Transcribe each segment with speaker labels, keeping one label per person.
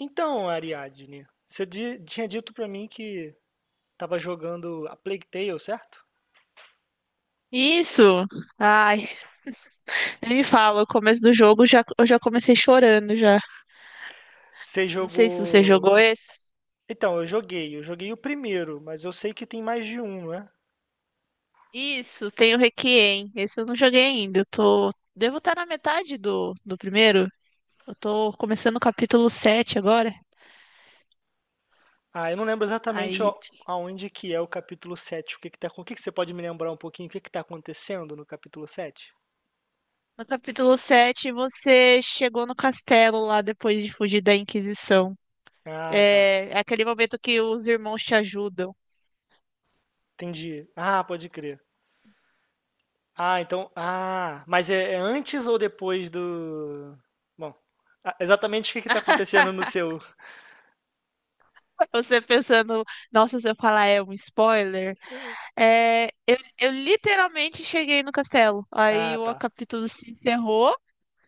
Speaker 1: Então, Ariadne, você tinha dito pra mim que tava jogando a Plague Tale, certo?
Speaker 2: Isso! Ai, nem me fala, o começo do jogo já, eu já comecei chorando já.
Speaker 1: Você
Speaker 2: Não sei se você
Speaker 1: jogou.
Speaker 2: jogou esse.
Speaker 1: Então, eu joguei o primeiro, mas eu sei que tem mais de um, né?
Speaker 2: Isso, tem o Requiem. Esse eu não joguei ainda. Eu tô. Devo estar na metade do primeiro. Eu tô começando o capítulo 7 agora.
Speaker 1: Ah, eu não lembro exatamente
Speaker 2: Aí,
Speaker 1: aonde que é o capítulo 7. O que que você pode me lembrar um pouquinho, o que que tá acontecendo no capítulo sete?
Speaker 2: no capítulo 7 você chegou no castelo lá depois de fugir da Inquisição.
Speaker 1: Ah, tá.
Speaker 2: É aquele momento que os irmãos te ajudam.
Speaker 1: Entendi. Ah, pode crer. Ah, então, ah, mas é antes ou depois do. Bom, ah, exatamente o que que tá acontecendo no seu?
Speaker 2: Você pensando, nossa, se eu falar é um spoiler. É, eu literalmente cheguei no castelo. Aí
Speaker 1: Ah,
Speaker 2: o
Speaker 1: tá.
Speaker 2: capítulo se encerrou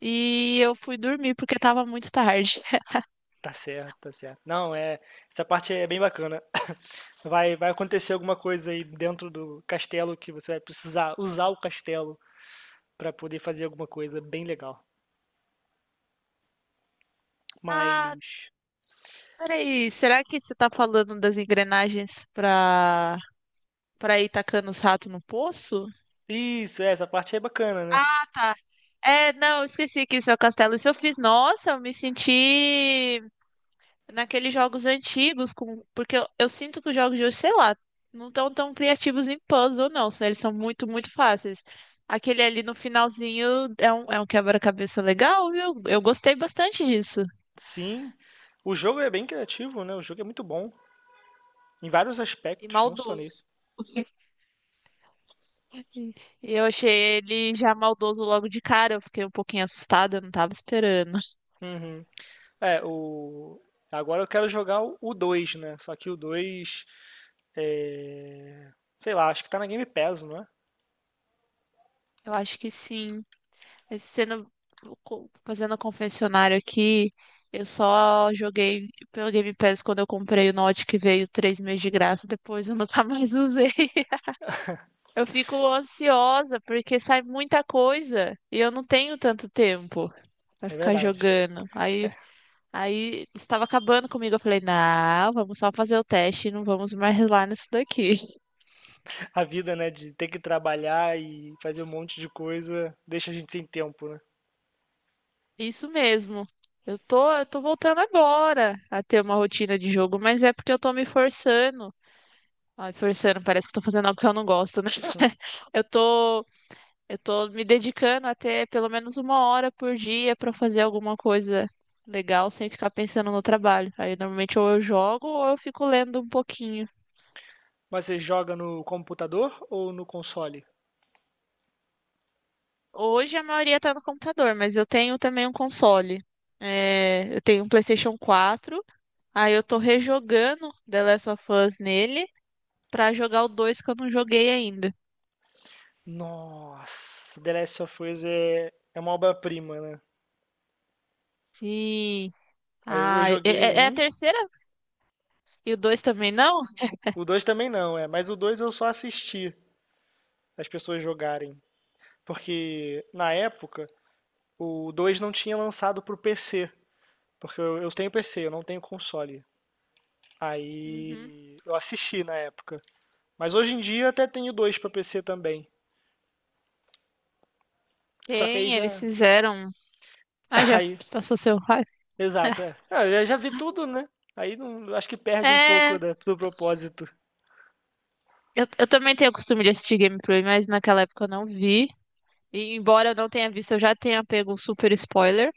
Speaker 2: e eu fui dormir porque tava muito tarde.
Speaker 1: Tá certo, tá certo. Não, é, essa parte é bem bacana. Vai acontecer alguma coisa aí dentro do castelo que você vai precisar usar o castelo pra poder fazer alguma coisa bem legal.
Speaker 2: Ah,
Speaker 1: Mas
Speaker 2: peraí, será que você tá falando das engrenagens pra ir tacando os ratos no poço?
Speaker 1: isso, é, essa parte é bacana, né?
Speaker 2: Ah, tá. É, não, eu esqueci que isso é o castelo. Isso eu fiz. Nossa, eu me senti naqueles jogos antigos, com... porque eu sinto que os jogos de hoje, sei lá, não estão tão criativos em puzzle, não, sabe? Eles são muito, muito fáceis. Aquele ali no finalzinho é um quebra-cabeça legal, viu? Eu gostei bastante disso.
Speaker 1: Sim. O jogo é bem criativo, né? O jogo é muito bom em vários
Speaker 2: E
Speaker 1: aspectos, não só
Speaker 2: maldoso.
Speaker 1: nesse.
Speaker 2: E e eu achei ele já maldoso logo de cara, eu fiquei um pouquinho assustada, eu não tava esperando.
Speaker 1: Uhum. É, o agora eu quero jogar o 2, né? Só que o 2 é, sei lá, acho que tá na Game Pass, não é?
Speaker 2: Eu acho que sim. Esse Sendo, fazendo a confessionário aqui, eu só joguei pelo Game Pass quando eu comprei o Note que veio 3 meses de graça, depois eu nunca mais usei. Eu fico ansiosa porque sai muita coisa e eu não tenho tanto tempo pra
Speaker 1: É
Speaker 2: ficar
Speaker 1: verdade.
Speaker 2: jogando. Aí, aí estava acabando comigo, eu falei, não, vamos só fazer o teste e não vamos mais lá nisso daqui.
Speaker 1: A vida, né, de ter que trabalhar e fazer um monte de coisa, deixa a gente sem tempo, né?
Speaker 2: Isso mesmo. Eu tô voltando agora a ter uma rotina de jogo, mas é porque eu tô me forçando. Ai, forçando, parece que eu tô fazendo algo que eu não gosto, né? Eu tô, eu tô me dedicando a ter pelo menos 1 hora por dia pra fazer alguma coisa legal sem ficar pensando no trabalho. Aí normalmente ou eu jogo ou eu fico lendo um pouquinho.
Speaker 1: Mas você joga no computador ou no console?
Speaker 2: Hoje a maioria tá no computador, mas eu tenho também um console. É, eu tenho um PlayStation 4. Aí eu tô rejogando The Last of Us nele pra jogar o 2 que eu não joguei ainda.
Speaker 1: Nossa, The Last of Us é, é uma obra-prima, né?
Speaker 2: Sim.
Speaker 1: Aí eu
Speaker 2: Ah, é,
Speaker 1: joguei o
Speaker 2: é a
Speaker 1: 1,
Speaker 2: terceira e o 2 também não?
Speaker 1: o 2 também não, é, mas o 2 eu só assisti as pessoas jogarem. Porque na época o 2 não tinha lançado pro PC. Porque eu tenho PC, eu não tenho console.
Speaker 2: Uhum.
Speaker 1: Aí eu assisti na época. Mas hoje em dia até tenho dois pra PC também. Só que aí
Speaker 2: Tem, eles
Speaker 1: já.
Speaker 2: fizeram. Ah, já
Speaker 1: Aí,
Speaker 2: passou seu raio.
Speaker 1: exato, é. Ah, eu já vi tudo, né? Aí não, acho que perde um pouco
Speaker 2: É,
Speaker 1: do propósito.
Speaker 2: eu também tenho o costume de assistir gameplay, mas naquela época eu não vi. E embora eu não tenha visto, eu já tenha pego um super spoiler.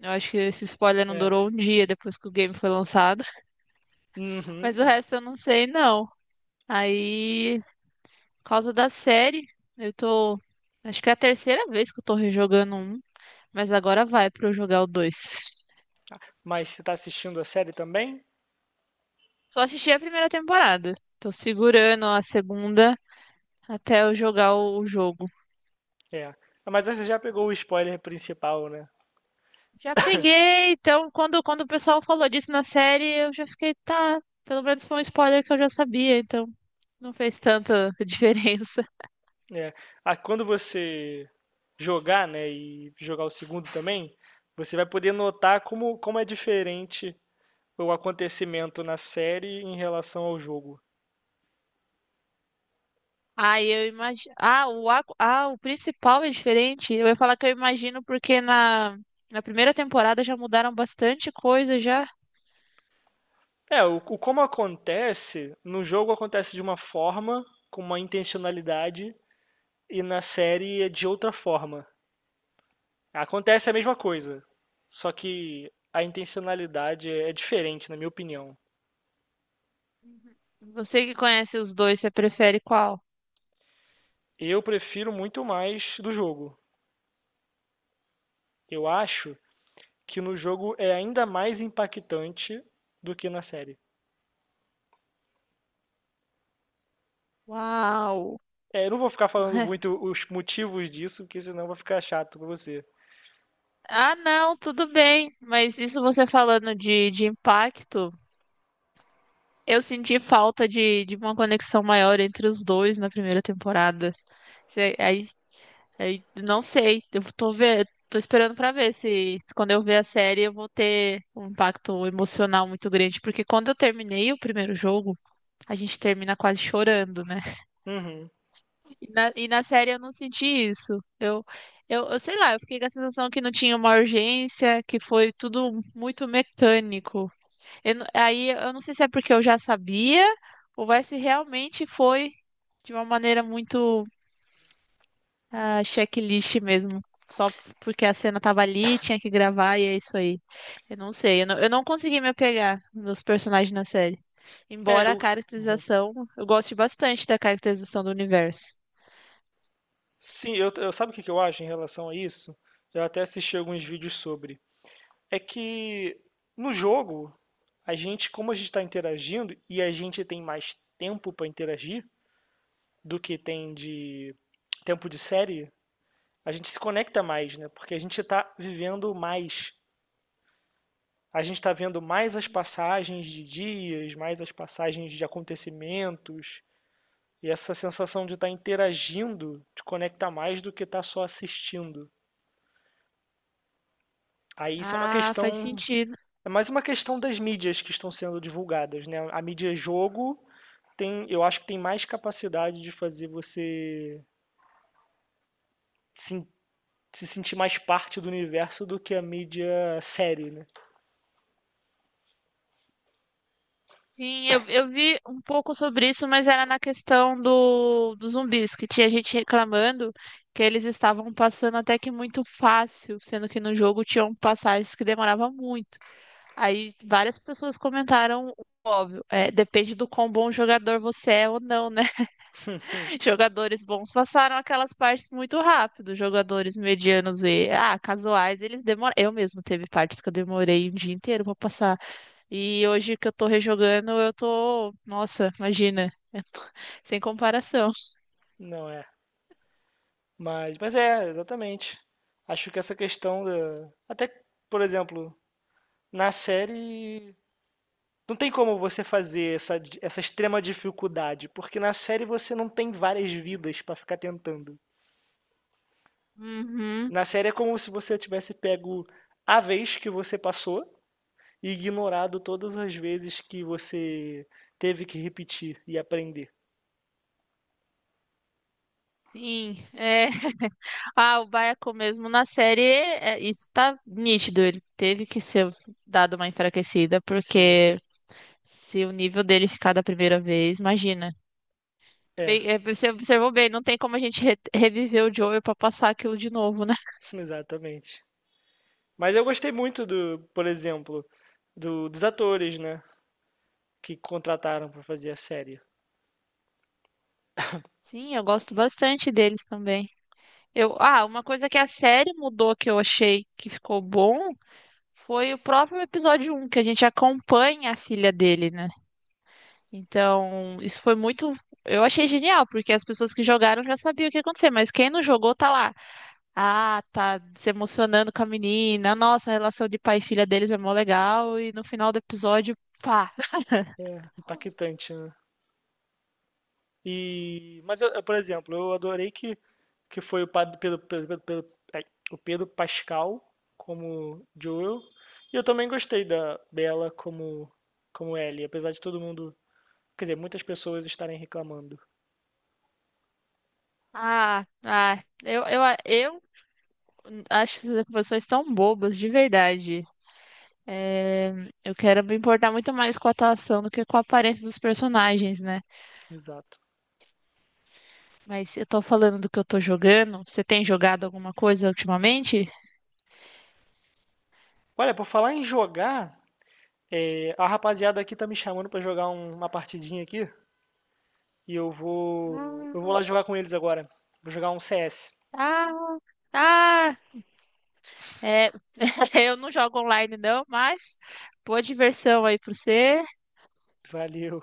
Speaker 2: Eu acho que esse spoiler não
Speaker 1: É.
Speaker 2: durou um dia depois que o game foi lançado.
Speaker 1: Uhum.
Speaker 2: Mas o resto eu não sei, não. Aí, por causa da série, eu tô. Acho que é a terceira vez que eu tô rejogando um. Mas agora vai pra eu jogar o dois.
Speaker 1: Mas você tá assistindo a série também?
Speaker 2: Só assisti a primeira temporada. Tô segurando a segunda até eu jogar o jogo.
Speaker 1: É. Ah, mas aí você já pegou o spoiler principal, né?
Speaker 2: Já peguei, então quando, quando o pessoal falou disso na série, eu já fiquei, tá, pelo menos foi um spoiler que eu já sabia, então não fez tanta diferença.
Speaker 1: É. Ah, quando você jogar, né, e jogar o segundo também, você vai poder notar como, como é diferente o acontecimento na série em relação ao jogo.
Speaker 2: Ah, eu imagino. Ah, o ah, o principal é diferente. Eu ia falar que eu imagino porque na na primeira temporada já mudaram bastante coisa já.
Speaker 1: É, o como acontece, no jogo acontece de uma forma, com uma intencionalidade, e na série é de outra forma. Acontece a mesma coisa, só que a intencionalidade é diferente, na minha opinião.
Speaker 2: Você que conhece os dois, você prefere qual?
Speaker 1: Eu prefiro muito mais do jogo. Eu acho que no jogo é ainda mais impactante do que na série.
Speaker 2: Uau.
Speaker 1: É, eu não vou ficar falando muito os motivos disso, porque senão vai ficar chato pra você.
Speaker 2: Ah, não, tudo bem, mas isso você falando de impacto. Eu senti falta de uma conexão maior entre os dois na primeira temporada. Aí, aí, não sei, tô esperando pra ver se, se quando eu ver a série eu vou ter um impacto emocional muito grande, porque quando eu terminei o primeiro jogo, a gente termina quase chorando, né?
Speaker 1: Uhum.
Speaker 2: E na série eu não senti isso. Eu sei lá, eu fiquei com a sensação que não tinha uma urgência, que foi tudo muito mecânico. Eu não- Aí eu não sei se é porque eu já sabia ou é se realmente foi de uma maneira muito checklist mesmo. Porque a cena tava ali, tinha que gravar e é isso aí. Eu não sei, eu não consegui me apegar nos personagens na série.
Speaker 1: É,
Speaker 2: Embora a
Speaker 1: eu,
Speaker 2: caracterização, eu goste bastante da caracterização do universo.
Speaker 1: sim, sabe o que que eu acho em relação a isso? Eu até assisti alguns vídeos sobre. É que no jogo, a gente, como a gente está interagindo e a gente tem mais tempo para interagir do que tem de tempo de série, a gente se conecta mais, né? Porque a gente está vivendo mais. A gente está vendo mais as passagens de dias, mais as passagens de acontecimentos. E essa sensação de estar tá interagindo te conecta mais do que estar tá só assistindo. Aí isso é uma
Speaker 2: Ah, faz
Speaker 1: questão.
Speaker 2: sentido.
Speaker 1: É mais uma questão das mídias que estão sendo divulgadas, né? A mídia é jogo tem, eu acho que tem mais capacidade de fazer você se, se sentir mais parte do universo do que a mídia série, né?
Speaker 2: Sim, eu vi um pouco sobre isso, mas era na questão dos zumbis, que tinha gente reclamando que eles estavam passando até que muito fácil, sendo que no jogo tinham passagens que demoravam muito. Aí várias pessoas comentaram, o óbvio, é, depende do quão bom jogador você é ou não, né? Jogadores bons passaram aquelas partes muito rápido, jogadores medianos e casuais, eles demoram. Eu mesmo teve partes que eu demorei um dia inteiro pra passar. E hoje que eu tô rejogando, eu tô. Nossa, imagina, sem comparação.
Speaker 1: Não é. Mas é, exatamente. Acho que essa questão da. Até, por exemplo, na série. Não tem como você fazer essa, essa extrema dificuldade, porque na série você não tem várias vidas pra ficar tentando.
Speaker 2: Uhum,
Speaker 1: Na série é como se você tivesse pego a vez que você passou e ignorado todas as vezes que você teve que repetir e aprender.
Speaker 2: sim, é. Ah, o Baiacu mesmo na série, é, isso tá nítido. Ele teve que ser dado uma enfraquecida,
Speaker 1: Sim.
Speaker 2: porque se o nível dele ficar da primeira vez, imagina.
Speaker 1: É,
Speaker 2: Bem, é, você observou bem, não tem como a gente reviver o Joel pra passar aquilo de novo, né?
Speaker 1: exatamente. Mas eu gostei muito do, por exemplo, dos atores, né, que contrataram para fazer a série.
Speaker 2: Sim, eu gosto bastante deles também. Eu, ah, uma coisa que a série mudou que eu achei que ficou bom foi o próprio episódio 1 que a gente acompanha a filha dele, né? Então, isso foi muito. Eu achei genial, porque as pessoas que jogaram já sabiam o que ia acontecer, mas quem não jogou tá lá. Ah, tá se emocionando com a menina. Nossa, a relação de pai e filha deles é mó legal. E no final do episódio, pá.
Speaker 1: É impactante, né? E, mas por exemplo, eu adorei que foi o Pad- Pedro, Pedro, Pedro- Pedro- ai, o Pedro Pascal como Joel. E eu também gostei da Bella como Ellie, apesar de todo mundo, quer dizer, muitas pessoas estarem reclamando.
Speaker 2: Ah, eu, eu, eu acho essas pessoas tão bobas, de verdade. É, eu quero me importar muito mais com a atuação do que com a aparência dos personagens, né?
Speaker 1: Exato.
Speaker 2: Mas eu tô falando do que eu tô jogando. Você tem jogado alguma coisa ultimamente?
Speaker 1: Olha, por falar em jogar, é, a rapaziada aqui tá me chamando pra jogar uma partidinha aqui e eu vou
Speaker 2: Ah,
Speaker 1: lá jogar com eles agora. Vou jogar um CS.
Speaker 2: ah, ah. É, eu não jogo online não, mas boa diversão aí pra você.
Speaker 1: Valeu.